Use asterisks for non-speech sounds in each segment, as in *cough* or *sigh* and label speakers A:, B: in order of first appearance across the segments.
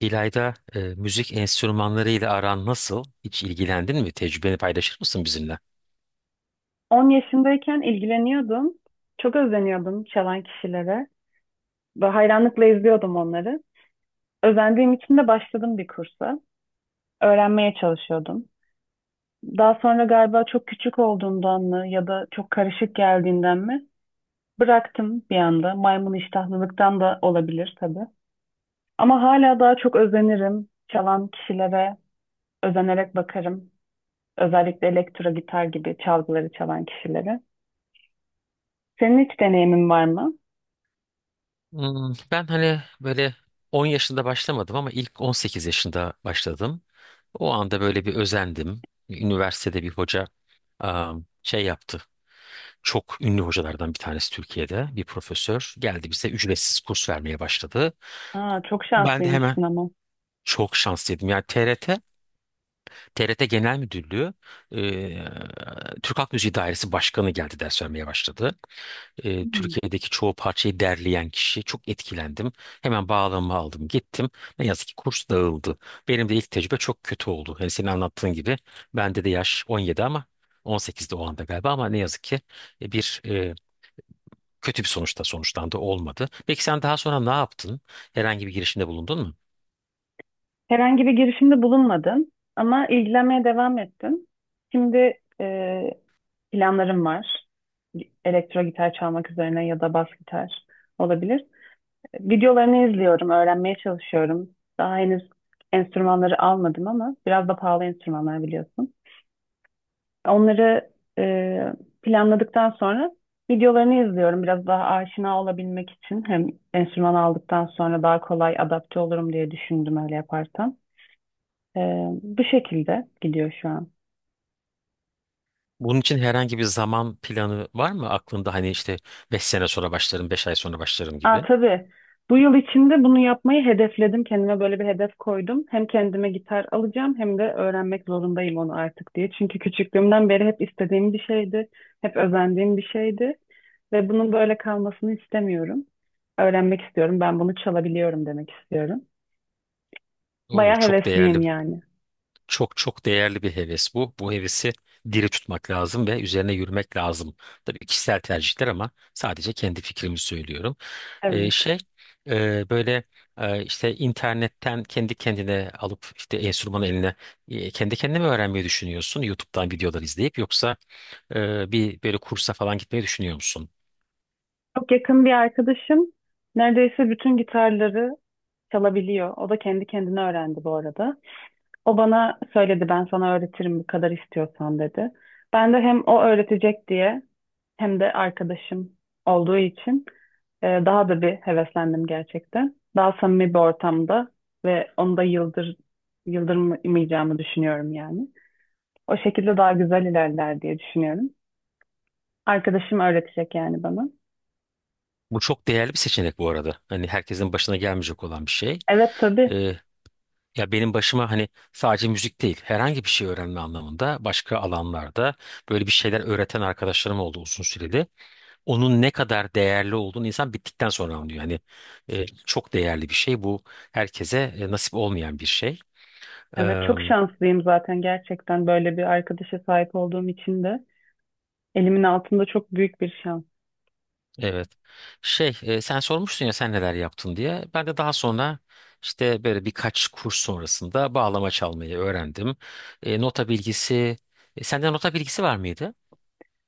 A: İlayda, müzik enstrümanlarıyla aran nasıl? Hiç ilgilendin mi? Tecrübeni paylaşır mısın bizimle?
B: 10 yaşındayken ilgileniyordum. Çok özeniyordum çalan kişilere. Ve hayranlıkla izliyordum onları. Özendiğim için de başladım bir kursa. Öğrenmeye çalışıyordum. Daha sonra galiba çok küçük olduğundan mı ya da çok karışık geldiğinden mi bıraktım bir anda. Maymun iştahlılıktan da olabilir tabii. Ama hala daha çok özenirim. Çalan kişilere özenerek bakarım. Özellikle elektro gitar gibi çalgıları çalan kişilere. Senin hiç deneyimin var mı?
A: Ben hani böyle 10 yaşında başlamadım ama ilk 18 yaşında başladım. O anda böyle bir özendim. Üniversitede bir hoca şey yaptı. Çok ünlü hocalardan bir tanesi Türkiye'de bir profesör geldi bize ücretsiz kurs vermeye başladı.
B: Aa, çok
A: Ben de hemen
B: şanslıymışsın ama.
A: çok şanslıydım. Yani TRT Genel Müdürlüğü, eee, Türk Halk Müziği Dairesi Başkanı geldi ders vermeye başladı.
B: Hmm.
A: Türkiye'deki çoğu parçayı derleyen kişi, çok etkilendim. Hemen bağlamamı aldım gittim. Ne yazık ki kurs dağıldı. Benim de ilk tecrübe çok kötü oldu. Hani senin anlattığın gibi bende de yaş 17 ama 18'de o anda galiba, ama ne yazık ki e, bir e, kötü bir sonuçta sonuçlandı, olmadı. Peki sen daha sonra ne yaptın? Herhangi bir girişimde bulundun mu?
B: Herhangi bir girişimde bulunmadım ama ilgilenmeye devam ettim. Şimdi planlarım var. Elektro gitar çalmak üzerine ya da bas gitar olabilir. Videolarını izliyorum, öğrenmeye çalışıyorum. Daha henüz enstrümanları almadım ama biraz da pahalı enstrümanlar biliyorsun. Onları e, planladıktan sonra videolarını izliyorum. Biraz daha aşina olabilmek için hem enstrüman aldıktan sonra daha kolay adapte olurum diye düşündüm öyle yaparsam. Ee, Bu şekilde gidiyor şu an.
A: Bunun için herhangi bir zaman planı var mı aklında? Hani işte beş sene sonra başlarım, 5 ay sonra başlarım
B: Aa
A: gibi.
B: tabii. Bu yıl içinde bunu yapmayı hedefledim. Kendime böyle bir hedef koydum. Hem kendime gitar alacağım hem de öğrenmek zorundayım onu artık diye. Çünkü küçüklüğümden beri hep istediğim bir şeydi. Hep özendiğim bir şeydi. Ve bunun böyle kalmasını istemiyorum. Öğrenmek istiyorum. Ben bunu çalabiliyorum demek istiyorum.
A: Oo,
B: Baya
A: çok
B: hevesliyim
A: değerli,
B: yani.
A: çok çok değerli bir heves bu. Bu hevesi diri tutmak lazım ve üzerine yürümek lazım. Tabii kişisel tercihler ama sadece kendi fikrimi söylüyorum.
B: Evet.
A: Şey, böyle, işte internetten kendi kendine alıp işte enstrümanı eline, kendi kendine mi öğrenmeyi düşünüyorsun YouTube'dan videolar izleyip, yoksa bir böyle kursa falan gitmeyi düşünüyor musun?
B: Çok yakın bir arkadaşım neredeyse bütün gitarları çalabiliyor. O da kendi kendine öğrendi bu arada. O bana söyledi ben sana öğretirim bu kadar istiyorsan dedi. Ben de hem o öğretecek diye hem de arkadaşım olduğu için daha da bir heveslendim gerçekten. Daha samimi bir ortamda ve onu da yıldırmayacağımı düşünüyorum yani. O şekilde daha güzel ilerler diye düşünüyorum. Arkadaşım öğretecek yani bana.
A: Bu çok değerli bir seçenek bu arada. Hani herkesin başına gelmeyecek olan bir şey.
B: Evet tabii.
A: Ee, ya benim başıma hani sadece müzik değil herhangi bir şey öğrenme anlamında başka alanlarda böyle bir şeyler öğreten arkadaşlarım oldu uzun süreli. Onun ne kadar değerli olduğunu insan bittikten sonra anlıyor. Yani çok değerli bir şey bu. Herkese nasip olmayan bir şey.
B: Evet
A: Eee,
B: çok şanslıyım zaten gerçekten böyle bir arkadaşa sahip olduğum için de elimin altında çok büyük bir şans.
A: evet. Şey, sen sormuştun ya sen neler yaptın diye. Ben de daha sonra işte böyle birkaç kurs sonrasında bağlama çalmayı öğrendim. Nota bilgisi, sende nota bilgisi var mıydı?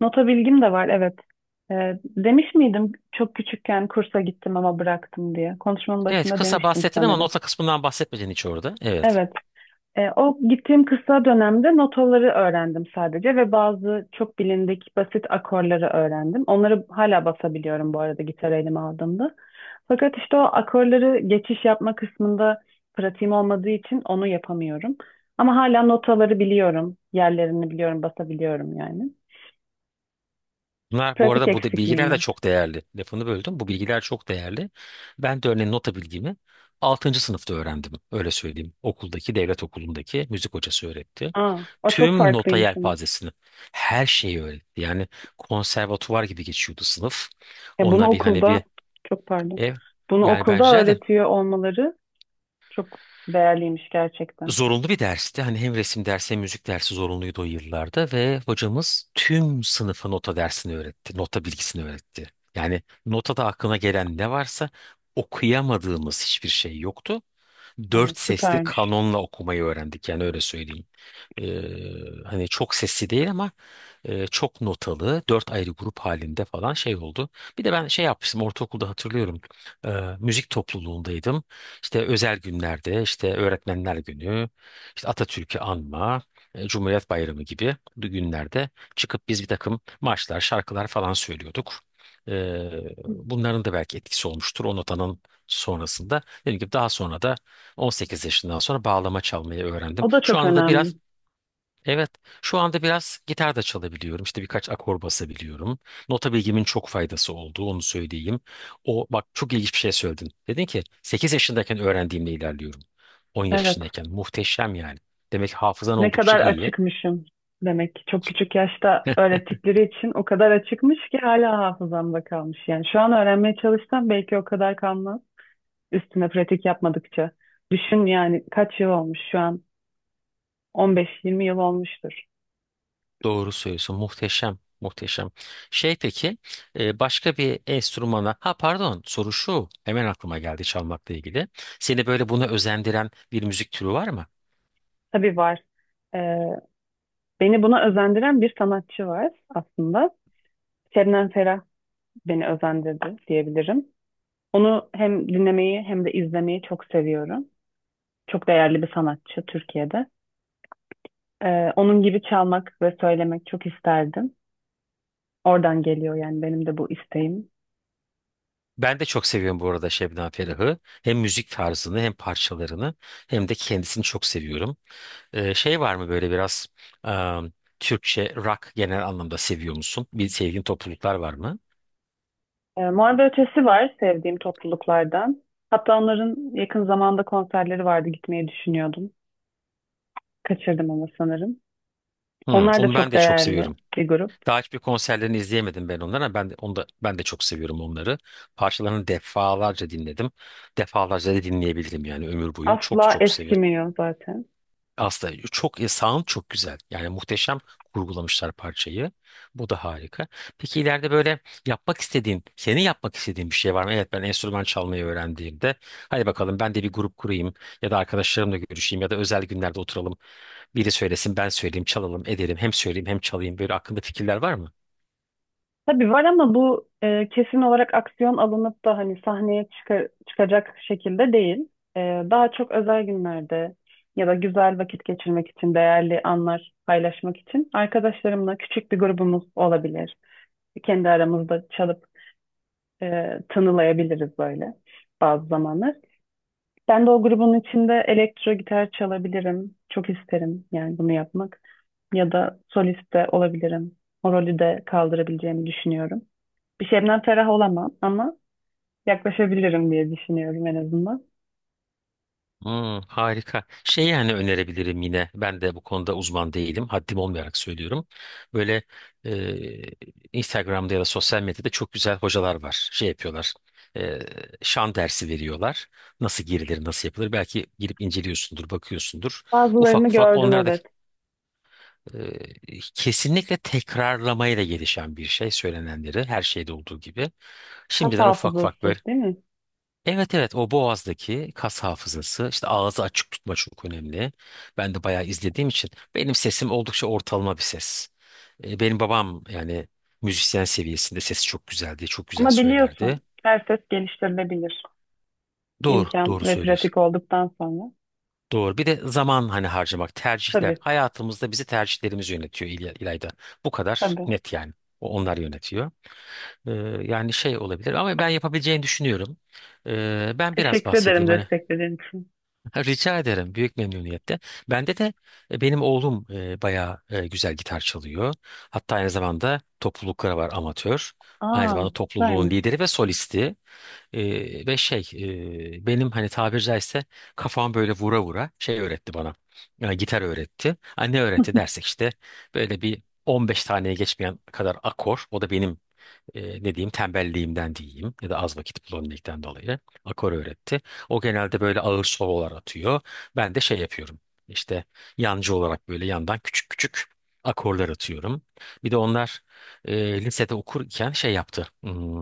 B: Nota bilgim de var, evet. Demiş miydim çok küçükken kursa gittim ama bıraktım diye. Konuşmanın
A: Evet,
B: başında
A: kısa
B: demiştim
A: bahsettin ama
B: sanırım.
A: nota kısmından bahsetmedin hiç orada. Evet.
B: Evet. O gittiğim kısa dönemde notaları öğrendim sadece ve bazı çok bilindik basit akorları öğrendim. Onları hala basabiliyorum bu arada gitar elime aldığımda. Fakat işte o akorları geçiş yapma kısmında pratiğim olmadığı için onu yapamıyorum. Ama hala notaları biliyorum, yerlerini biliyorum, basabiliyorum yani.
A: Bunlar bu
B: Pratik
A: arada,
B: eksikliğim
A: bilgiler de
B: var.
A: çok değerli. Lafını böldüm. Bu bilgiler çok değerli. Ben de örneğin nota bilgimi altıncı sınıfta öğrendim. Öyle söyleyeyim. Okuldaki, devlet okulundaki müzik hocası öğretti.
B: Aa, o çok
A: Tüm nota
B: farklıymış ama.
A: yelpazesini, her şeyi öğretti. Yani konservatuvar gibi geçiyordu sınıf.
B: Ya bunu
A: Onunla bir hani
B: okulda
A: bir
B: çok pardon.
A: ev.
B: Bunu
A: Yani ben
B: okulda
A: rica ederim.
B: öğretiyor olmaları çok değerliymiş gerçekten.
A: Zorunlu bir dersti. Hani hem resim dersi hem müzik dersi zorunluydu o yıllarda ve hocamız tüm sınıfa nota dersini öğretti. Nota bilgisini öğretti. Yani notada aklına gelen ne varsa okuyamadığımız hiçbir şey yoktu.
B: Aa,
A: Dört sesli
B: süpermiş.
A: kanonla okumayı öğrendik, yani öyle söyleyeyim. Hani çok sesli değil ama çok notalı, dört ayrı grup halinde falan şey oldu. Bir de ben şey yapmıştım ortaokulda, hatırlıyorum e, müzik topluluğundaydım. İşte özel günlerde, işte öğretmenler günü, işte Atatürk'ü anma, Cumhuriyet Bayramı gibi günlerde çıkıp biz bir takım marşlar, şarkılar falan söylüyorduk. E,
B: Hı.
A: bunların da belki etkisi olmuştur o notanın sonrasında. Dediğim gibi daha sonra da 18 yaşından sonra bağlama çalmayı öğrendim.
B: O da
A: Şu
B: çok
A: anda da
B: önemli.
A: biraz Evet, şu anda biraz gitar da çalabiliyorum. İşte birkaç akor basabiliyorum. Nota bilgimin çok faydası oldu, onu söyleyeyim. O bak, çok ilginç bir şey söyledin. Dedin ki 8 yaşındayken öğrendiğimle ilerliyorum. 10
B: Evet.
A: yaşındayken muhteşem yani. Demek ki hafızan
B: Ne
A: oldukça
B: kadar
A: iyi.
B: açıkmışım demek ki. Çok
A: Ki-
B: küçük yaşta öğrettikleri için o kadar açıkmış ki hala hafızamda kalmış. Yani şu an öğrenmeye çalışsam belki o kadar kalmaz. Üstüne pratik yapmadıkça. Düşün yani kaç yıl olmuş şu an? 15-20 yıl olmuştur.
A: Doğru söylüyorsun. Muhteşem, muhteşem. Şey peki, başka bir enstrümana, ha pardon, soru şu. Hemen aklıma geldi çalmakla ilgili. Seni böyle buna özendiren bir müzik türü var mı?
B: Tabii var. Ee, Beni buna özendiren bir sanatçı var aslında. Şebnem Ferah beni özendirdi diyebilirim. Onu hem dinlemeyi hem de izlemeyi çok seviyorum. Çok değerli bir sanatçı Türkiye'de. Onun gibi çalmak ve söylemek çok isterdim. Oradan geliyor yani benim de bu isteğim.
A: Ben de çok seviyorum bu arada Şebnem Ferah'ı. Hem müzik tarzını, hem parçalarını, hem de kendisini çok seviyorum. Şey var mı böyle biraz ıı, Türkçe rock genel anlamda seviyor musun? Bir sevdiğin topluluklar var mı?
B: Muharebe Ötesi var sevdiğim topluluklardan. Hatta onların yakın zamanda konserleri vardı gitmeyi düşünüyordum. Kaçırdım ama sanırım.
A: Hmm,
B: Onlar da
A: onu ben
B: çok
A: de çok
B: değerli
A: seviyorum.
B: bir grup.
A: Daha hiçbir konserlerini izleyemedim ben onları, ama ben de, onu da, ben de çok seviyorum onları. Parçalarını defalarca dinledim. Defalarca da dinleyebilirim yani, ömür boyu. Çok
B: Asla
A: çok seviyorum.
B: eskimiyor zaten.
A: Aslında çok sound çok güzel. Yani muhteşem kurgulamışlar parçayı. Bu da harika. Peki ileride böyle yapmak istediğin, senin yapmak istediğin bir şey var mı? Evet, ben enstrüman çalmayı öğrendiğimde hadi bakalım ben de bir grup kurayım, ya da arkadaşlarımla görüşeyim, ya da özel günlerde oturalım. Biri söylesin ben söyleyeyim, çalalım edelim, hem söyleyeyim hem çalayım, böyle aklında fikirler var mı?
B: Tabii var ama bu kesin olarak aksiyon alınıp da hani sahneye çıkacak şekilde değil. E, Daha çok özel günlerde ya da güzel vakit geçirmek için, değerli anlar paylaşmak için arkadaşlarımla küçük bir grubumuz olabilir. Kendi aramızda çalıp tınılayabiliriz böyle bazı zamanlar. Ben de o grubun içinde elektro gitar çalabilirim. Çok isterim yani bunu yapmak. Ya da solist de olabilirim. O rolü de kaldırabileceğimi düşünüyorum. Bir şeyimden ferah olamam ama yaklaşabilirim diye düşünüyorum en azından.
A: Hmm, harika. Şey yani önerebilirim yine. Ben de bu konuda uzman değilim. Haddim olmayarak söylüyorum. Böyle e, Instagram'da ya da sosyal medyada çok güzel hocalar var. Şey yapıyorlar. E, şan dersi veriyorlar. Nasıl girilir, nasıl yapılır? Belki girip inceliyorsundur, bakıyorsundur. Ufak
B: Bazılarını
A: ufak
B: gördüm
A: onlar da
B: evet.
A: kesinlikle tekrarlamayla gelişen bir şey. Söylenenleri, her şeyde olduğu gibi.
B: Kas
A: Şimdiden ufak ufak
B: hafızası
A: böyle.
B: değil mi?
A: Evet, evet, o boğazdaki kas hafızası, işte ağzı açık tutma çok önemli. Ben de bayağı izlediğim için benim sesim oldukça ortalama bir ses. Benim babam yani müzisyen seviyesinde, sesi çok güzel diye çok güzel
B: Ama biliyorsun
A: söylerdi.
B: her ses geliştirilebilir.
A: Doğru,
B: İmkan
A: doğru
B: ve
A: söylüyorsun.
B: pratik olduktan sonra.
A: Doğru, bir de zaman hani harcamak, tercihler
B: Tabii,
A: hayatımızda bizi, tercihlerimiz yönetiyor İlayda. Bu kadar
B: tabii.
A: net yani onlar yönetiyor. E, yani şey olabilir ama ben yapabileceğini düşünüyorum. Ben biraz
B: Teşekkür ederim
A: bahsedeyim hani.
B: desteklediğin için.
A: Ha, Rica ederim. Büyük memnuniyetle. Bende de benim oğlum bayağı güzel gitar çalıyor. Hatta aynı zamanda toplulukları var, amatör. Aynı
B: Aa,
A: zamanda topluluğun
B: süpermiş.
A: lideri ve solisti. Ve şey benim, hani tabiri caizse, kafam böyle vura vura şey öğretti bana. Yani gitar öğretti. Ha, ne öğretti dersek işte böyle bir 15 taneye geçmeyen kadar akor. O da benim ne diyeyim, tembelliğimden diyeyim ya da az vakit bulabilmekten dolayı akor öğretti. O genelde böyle ağır sololar atıyor. Ben de şey yapıyorum, İşte yancı olarak böyle yandan küçük küçük akorlar atıyorum. Bir de onlar lisede okurken şey yaptı. Hmm,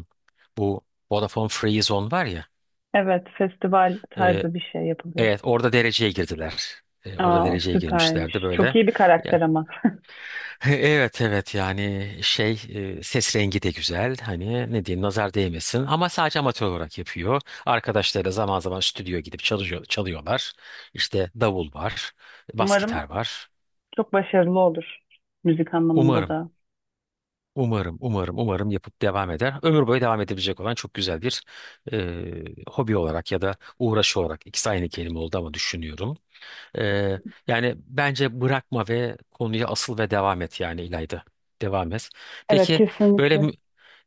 A: bu Vodafone Free Zone var ya.
B: Evet, festival
A: e,
B: tarzı bir şey yapılıyor.
A: evet, orada dereceye girdiler. Orada
B: Aa,
A: dereceye girmişlerdi
B: süpermiş. Çok
A: böyle.
B: iyi bir karakter ama.
A: Evet, evet, yani şey ses rengi de güzel, hani ne diyeyim nazar değmesin, ama sadece amatör olarak yapıyor. Arkadaşları zaman zaman stüdyo gidip çalışıyor, çalıyorlar. İşte davul var,
B: *laughs*
A: bas
B: Umarım
A: gitar var.
B: çok başarılı olur müzik anlamında
A: Umarım
B: da.
A: umarım yapıp devam eder. Ömür boyu devam edebilecek olan çok güzel bir e, hobi olarak ya da uğraşı olarak, ikisi aynı kelime oldu ama, düşünüyorum. Ee, yani bence bırakma ve konuya asıl ve devam et yani İlayda. Devam et.
B: Evet,
A: Peki böyle
B: kesinlikle.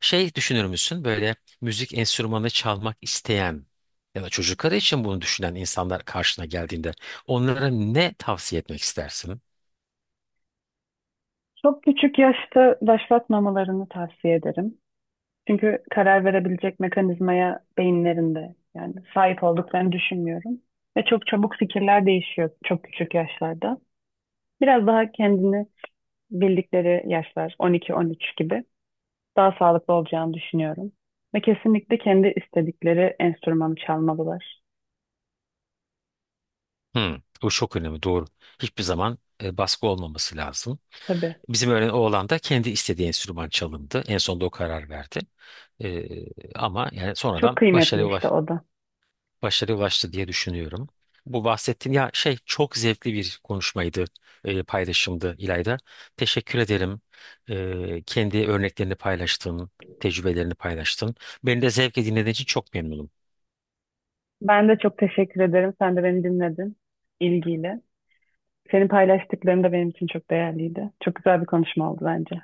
A: şey düşünür müsün? Böyle müzik enstrümanı çalmak isteyen ya da çocukları için bunu düşünen insanlar karşına geldiğinde onlara ne tavsiye etmek istersin?
B: Çok küçük yaşta başlatmamalarını tavsiye ederim. Çünkü karar verebilecek mekanizmaya beyinlerinde yani sahip olduklarını düşünmüyorum. Ve çok çabuk fikirler değişiyor çok küçük yaşlarda. Biraz daha kendini bildikleri yaşlar 12-13 gibi daha sağlıklı olacağını düşünüyorum. Ve kesinlikle kendi istedikleri enstrümanı çalmalılar.
A: Hmm, bu çok önemli, doğru. Hiçbir zaman baskı olmaması lazım.
B: Tabii.
A: Bizim öğren oğlan da kendi istediği enstrüman çalındı. En sonunda o karar verdi. E, ama yani
B: Çok
A: sonradan
B: kıymetli işte o da.
A: başarıya ulaştı diye düşünüyorum. Bu bahsettiğin ya şey çok zevkli bir konuşmaydı, paylaşımdı İlayda. Teşekkür ederim. Kendi örneklerini paylaştın, tecrübelerini paylaştın. Beni de zevkle dinlediğin için çok memnunum.
B: Ben de çok teşekkür ederim. Sen de beni dinledin ilgiyle. Senin paylaştıkların da benim için çok değerliydi. Çok güzel bir konuşma oldu bence.